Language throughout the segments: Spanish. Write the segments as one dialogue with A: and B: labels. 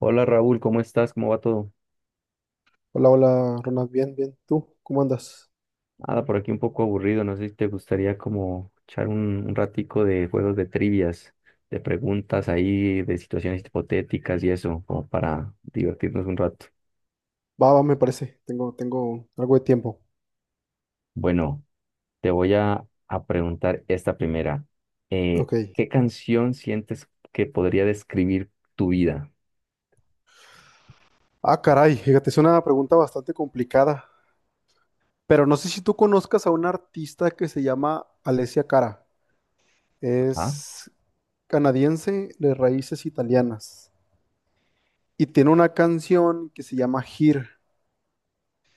A: Hola Raúl, ¿cómo estás? ¿Cómo va todo?
B: Hola, hola, Ronald, bien, bien. ¿Tú cómo andas?
A: Nada, por aquí un poco aburrido, no sé si te gustaría como echar un ratico de juegos de trivias, de preguntas ahí, de situaciones hipotéticas y eso, como para divertirnos un rato.
B: Va, va, me parece. Tengo algo de tiempo.
A: Bueno, te voy a preguntar esta primera.
B: Ok.
A: ¿Qué canción sientes que podría describir tu vida?
B: Ah, caray, fíjate, es una pregunta bastante complicada. Pero no sé si tú conozcas a una artista que se llama Alessia Cara.
A: Ajá.
B: Es canadiense de raíces italianas. Y tiene una canción que se llama Here.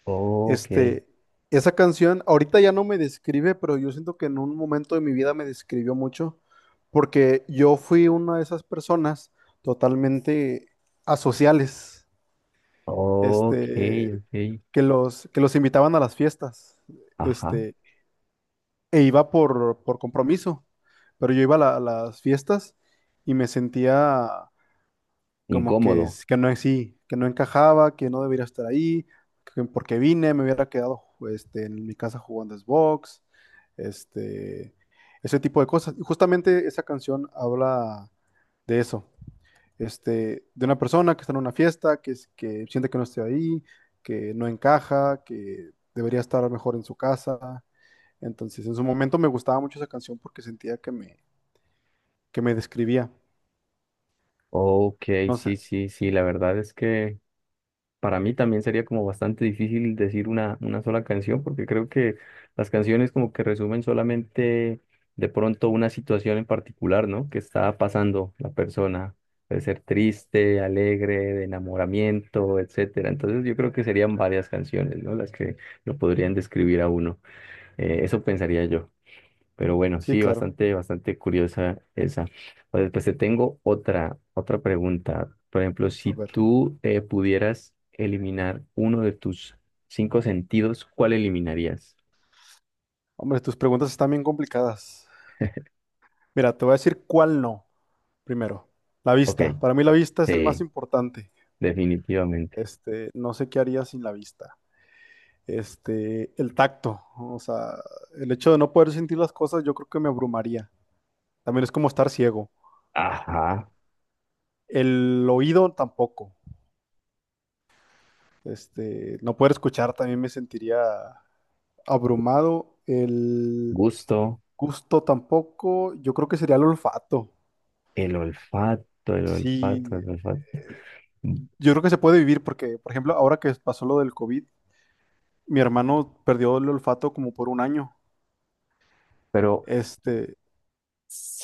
A: Ok,
B: Este, Esa canción ahorita ya no me describe, pero yo siento que en un momento de mi vida me describió mucho, porque yo fui una de esas personas totalmente asociales,
A: ok,
B: este,
A: ok.
B: que los invitaban a las fiestas,
A: Ajá.
B: este, e iba por compromiso, pero yo iba a las fiestas y me sentía como que,
A: Incómodo.
B: que no es sí, que no encajaba, que no debería estar ahí, que porque vine, me hubiera quedado en mi casa jugando Xbox, este, ese tipo de cosas. Y justamente esa canción habla de eso, de una persona que está en una fiesta, que, que siente que no está ahí, que no encaja, que debería estar mejor en su casa. Entonces, en su momento me gustaba mucho esa canción porque sentía que me describía.
A: Ok,
B: No sé,
A: sí, sí, sí, la verdad es que... Para mí también sería como bastante difícil decir una sola canción, porque creo que las canciones como que resumen solamente de pronto una situación en particular, ¿no? Que está pasando la persona. Puede ser triste, alegre, de enamoramiento, etcétera. Entonces yo creo que serían varias canciones, ¿no? Las que lo podrían describir a uno. Eso pensaría yo. Pero bueno,
B: sí,
A: sí,
B: claro.
A: bastante, bastante curiosa esa. O después te tengo otra pregunta. Por ejemplo,
B: A
A: si
B: ver.
A: tú pudieras eliminar uno de tus cinco sentidos, ¿cuál eliminarías?
B: Hombre, tus preguntas están bien complicadas. Mira, te voy a decir cuál no, primero. La
A: Ok,
B: vista. Para mí la vista es el más
A: sí,
B: importante.
A: definitivamente.
B: No sé qué haría sin la vista. El tacto. O sea, el hecho de no poder sentir las cosas, yo creo que me abrumaría. También es como estar ciego.
A: Ajá,
B: El oído tampoco. No poder escuchar también me sentiría abrumado. El
A: gusto,
B: gusto tampoco. Yo creo que sería el olfato.
A: el olfato, el olfato,
B: Sí,
A: el olfato.
B: yo creo que se puede vivir porque, por ejemplo, ahora que pasó lo del COVID, mi hermano perdió el olfato como por 1 año.
A: Pero
B: Este,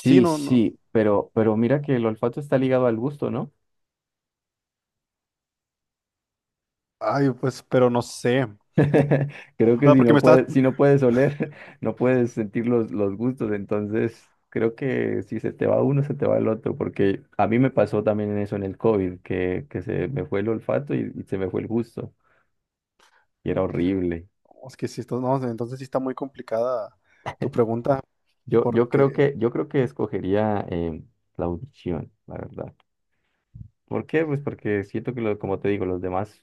B: sí, no, no,
A: sí, pero mira que el olfato está ligado al gusto, ¿no?
B: ay, pues, pero no sé. O
A: Creo que
B: sea,
A: si
B: porque
A: no
B: me estás,
A: puedes, si no puedes oler, no puedes sentir los gustos, entonces creo que si se te va uno, se te va el otro, porque a mí me pasó también en eso en el COVID, que se me fue el olfato y se me fue el gusto, y era horrible.
B: oh, es que si esto, no, entonces sí está muy complicada tu pregunta,
A: Yo, yo
B: porque,
A: creo que, yo creo que escogería la audición, la verdad. ¿Por qué? Pues porque siento que, como te digo, los demás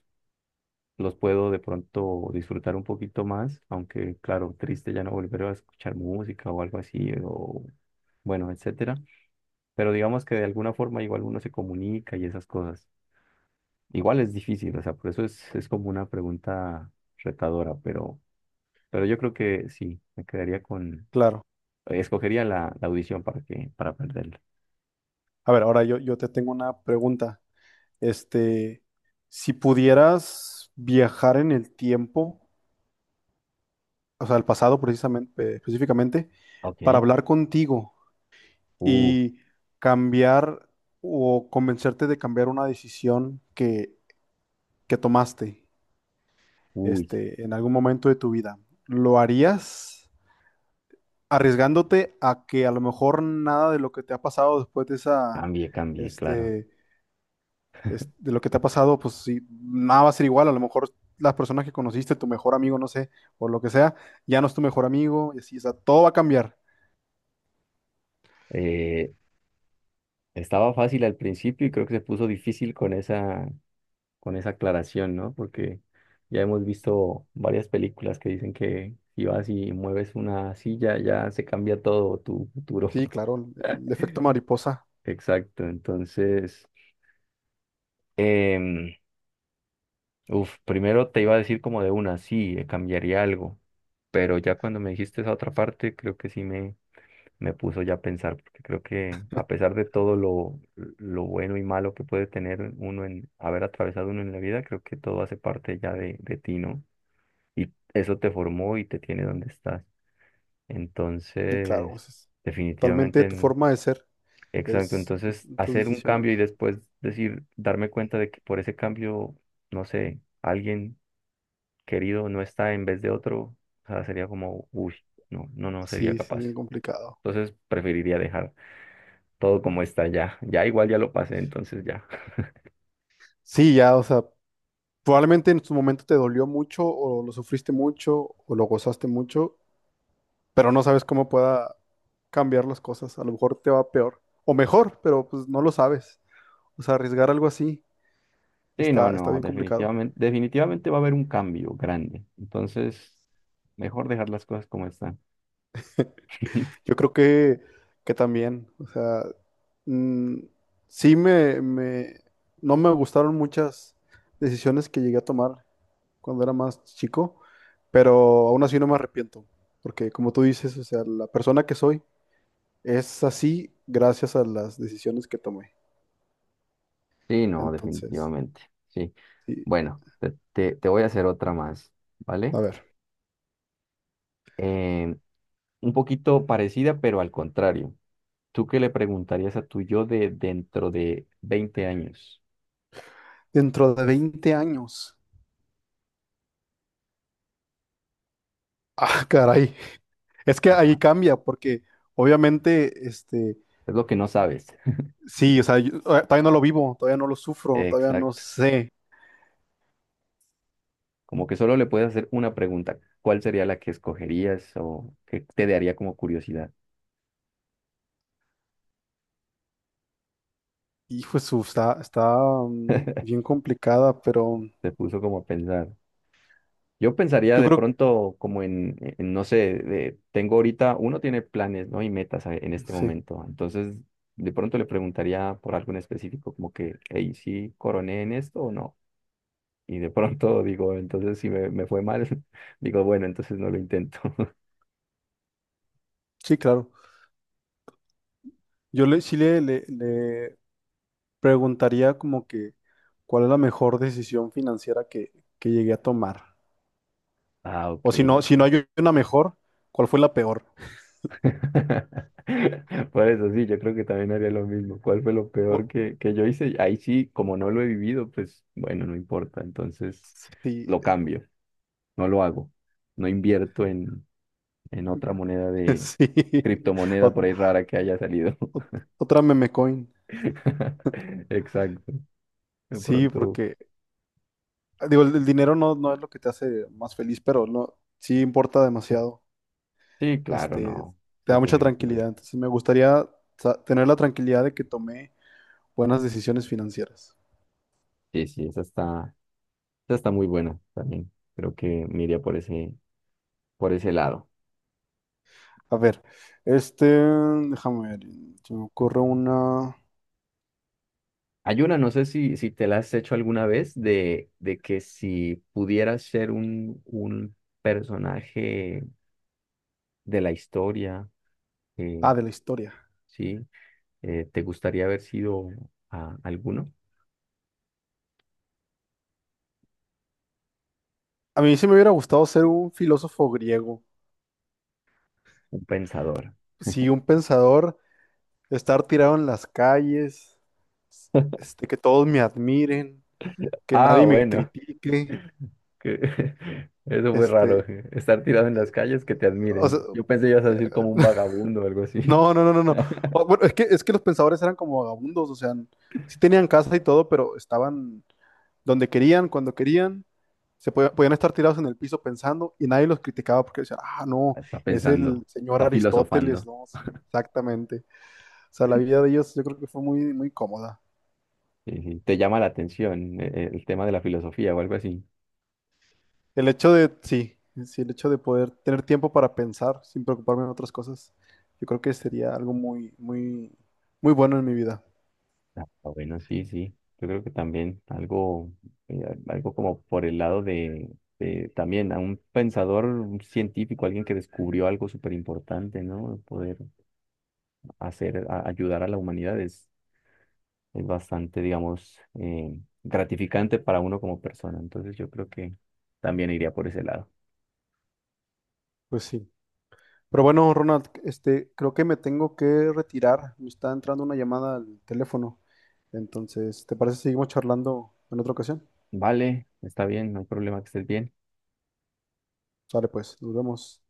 A: los puedo de pronto disfrutar un poquito más, aunque claro, triste ya no volver a escuchar música o algo así, o bueno, etcétera. Pero digamos que de alguna forma igual uno se comunica y esas cosas. Igual es difícil, o sea, por eso es como una pregunta retadora, pero yo creo que sí,
B: claro.
A: escogería la audición para que, para perderla.
B: A ver, yo te tengo una pregunta. Este, si pudieras viajar en el tiempo, o sea, al pasado precisamente, específicamente, para
A: Ok.
B: hablar contigo.
A: Uh,
B: Y cambiar o convencerte de cambiar una decisión que tomaste
A: Uy,
B: en algún momento de tu vida. ¿Lo harías arriesgándote a que a lo mejor nada de lo que te ha pasado después de esa,
A: cambié, cambié, claro.
B: este, de lo que te ha pasado, pues sí, nada va a ser igual, a lo mejor las personas que conociste, tu mejor amigo, no sé, o lo que sea, ya no es tu mejor amigo, y así, o sea, todo va a cambiar.
A: Eh, Estaba fácil al principio y creo que se puso difícil con esa aclaración, ¿no? Porque ya hemos visto varias películas que dicen que si vas y mueves una silla, ya se cambia todo tu futuro.
B: Sí, claro, el efecto mariposa,
A: Exacto, entonces, em, uf, primero te iba a decir como de una, sí, cambiaría algo, pero ya cuando me dijiste esa otra parte, creo que sí me puso ya a pensar, porque creo que a pesar de todo lo bueno y malo que puede tener uno en haber atravesado uno en la vida, creo que todo hace parte ya de ti, ¿no? Y eso te formó y te tiene donde estás.
B: sí, claro,
A: Entonces,
B: es totalmente
A: definitivamente,
B: tu forma de ser.
A: exacto.
B: Es
A: Entonces,
B: tus
A: hacer un cambio y
B: decisiones.
A: después decir, darme cuenta de que por ese cambio, no sé, alguien querido no está en vez de otro, o sea, sería como, uy, no, no, no sería
B: Sí, sí, es bien
A: capaz.
B: complicado.
A: Entonces, preferiría dejar todo como está ya. Ya igual ya lo pasé, entonces ya.
B: Sí, ya, o sea, probablemente en su momento te dolió mucho o lo sufriste mucho o lo gozaste mucho, pero no sabes cómo pueda cambiar las cosas. A lo mejor te va peor o mejor, pero pues no lo sabes. O sea, arriesgar algo así
A: Sí, no,
B: está, está
A: no,
B: bien complicado.
A: definitivamente, definitivamente va a haber un cambio grande. Entonces, mejor dejar las cosas como están.
B: Yo creo que también, o sea, mm, sí me, me, no me gustaron muchas decisiones que llegué a tomar cuando era más chico, pero aún así no me arrepiento, porque como tú dices, o sea, la persona que soy es así gracias a las decisiones que tomé.
A: Sí, no,
B: Entonces,
A: definitivamente. Sí.
B: sí,
A: Bueno, te voy a hacer otra más, ¿vale?
B: a ver,
A: Eh, un poquito parecida, pero al contrario. ¿Tú qué le preguntarías a tu yo de dentro de 20 años?
B: dentro de 20 años, ah, caray, es que ahí
A: Ajá.
B: cambia, porque obviamente,
A: Es lo que no sabes.
B: sí, o sea, yo todavía no lo vivo, todavía no lo sufro, todavía no
A: Exacto.
B: sé.
A: Como que solo le puedes hacer una pregunta. ¿Cuál sería la que escogerías o qué te daría como curiosidad?
B: Hijo de su, está bien complicada, pero
A: Te puso como a pensar. Yo pensaría
B: yo
A: de
B: creo
A: pronto como en no sé, tengo ahorita, uno tiene planes, ¿no? Y metas en
B: que
A: este
B: sí,
A: momento. Entonces, de pronto le preguntaría por algo en específico, como que, hey, ¿sí coroné en esto o no? Y de pronto digo, entonces si me fue mal, digo, bueno, entonces no lo intento.
B: sí, claro. Yo le, sí le preguntaría como que cuál es la mejor decisión financiera que llegué a tomar.
A: Ah, ok,
B: O si no, si no
A: ok.
B: hay una mejor, ¿cuál fue la peor?
A: Por eso sí, yo creo que también haría lo mismo. ¿Cuál fue lo
B: O-
A: peor que yo hice? Ahí sí, como no lo he vivido, pues bueno, no importa. Entonces,
B: sí,
A: lo cambio, no lo hago. No invierto en otra moneda de
B: sí.
A: criptomoneda por
B: Ot-
A: ahí rara que haya salido.
B: otra meme coin.
A: Exacto. De
B: Sí,
A: pronto.
B: porque digo, el dinero no, no es lo que te hace más feliz, pero no, sí importa demasiado.
A: Sí, claro,
B: Este,
A: no.
B: Te
A: Eso
B: da
A: es
B: mucha tranquilidad.
A: definitivamente.
B: Entonces me gustaría tener la tranquilidad de que tomé buenas decisiones financieras.
A: Sí, sí, esa está muy buena también. Creo que me iría por ese lado.
B: A ver, déjame ver, se me ocurre una...
A: Hay una, no sé si te la has hecho alguna vez, de que si pudieras ser un personaje de la historia,
B: Ah,
A: eh,
B: de la historia.
A: sí. ¿Te gustaría haber sido alguno?
B: A mí sí me hubiera gustado ser un filósofo griego.
A: Un pensador.
B: Sí, un pensador, estar tirado en las calles, que todos me admiren, que
A: Ah,
B: nadie me
A: bueno.
B: critique.
A: que- Eso fue raro.
B: Este,
A: Estar tirado en las calles, que te
B: o
A: admiren.
B: sea,
A: Yo pensé que ibas a decir como un vagabundo o algo así.
B: No, no, no, no, no. Bueno, es que los pensadores eran como vagabundos, o sea, sí tenían casa y todo, pero estaban donde querían, cuando querían, podían estar tirados en el piso pensando y nadie los criticaba porque decían, ah, no,
A: Está
B: es el
A: pensando,
B: señor
A: está
B: Aristóteles,
A: filosofando.
B: no, sí, exactamente. O sea, la vida de ellos yo creo que fue muy, muy cómoda.
A: Sí, sí. Te llama la atención el tema de la filosofía o algo así.
B: El hecho de, sí, sí, el hecho de poder tener tiempo para pensar sin preocuparme en otras cosas, yo creo que sería algo muy, muy, muy bueno en mi vida.
A: Ah, bueno, sí, sí. Yo creo que también algo, algo como por el lado de también a un pensador, un científico, alguien que descubrió algo súper importante, ¿no? Poder hacer, ayudar a la humanidad es bastante, digamos, gratificante para uno como persona. Entonces yo creo que también iría por ese lado.
B: Pues sí. Pero bueno, Ronald, creo que me tengo que retirar. Me está entrando una llamada al teléfono. Entonces, ¿te parece si seguimos charlando en otra ocasión?
A: Vale, está bien, no hay problema que estés bien.
B: Sale pues, nos vemos.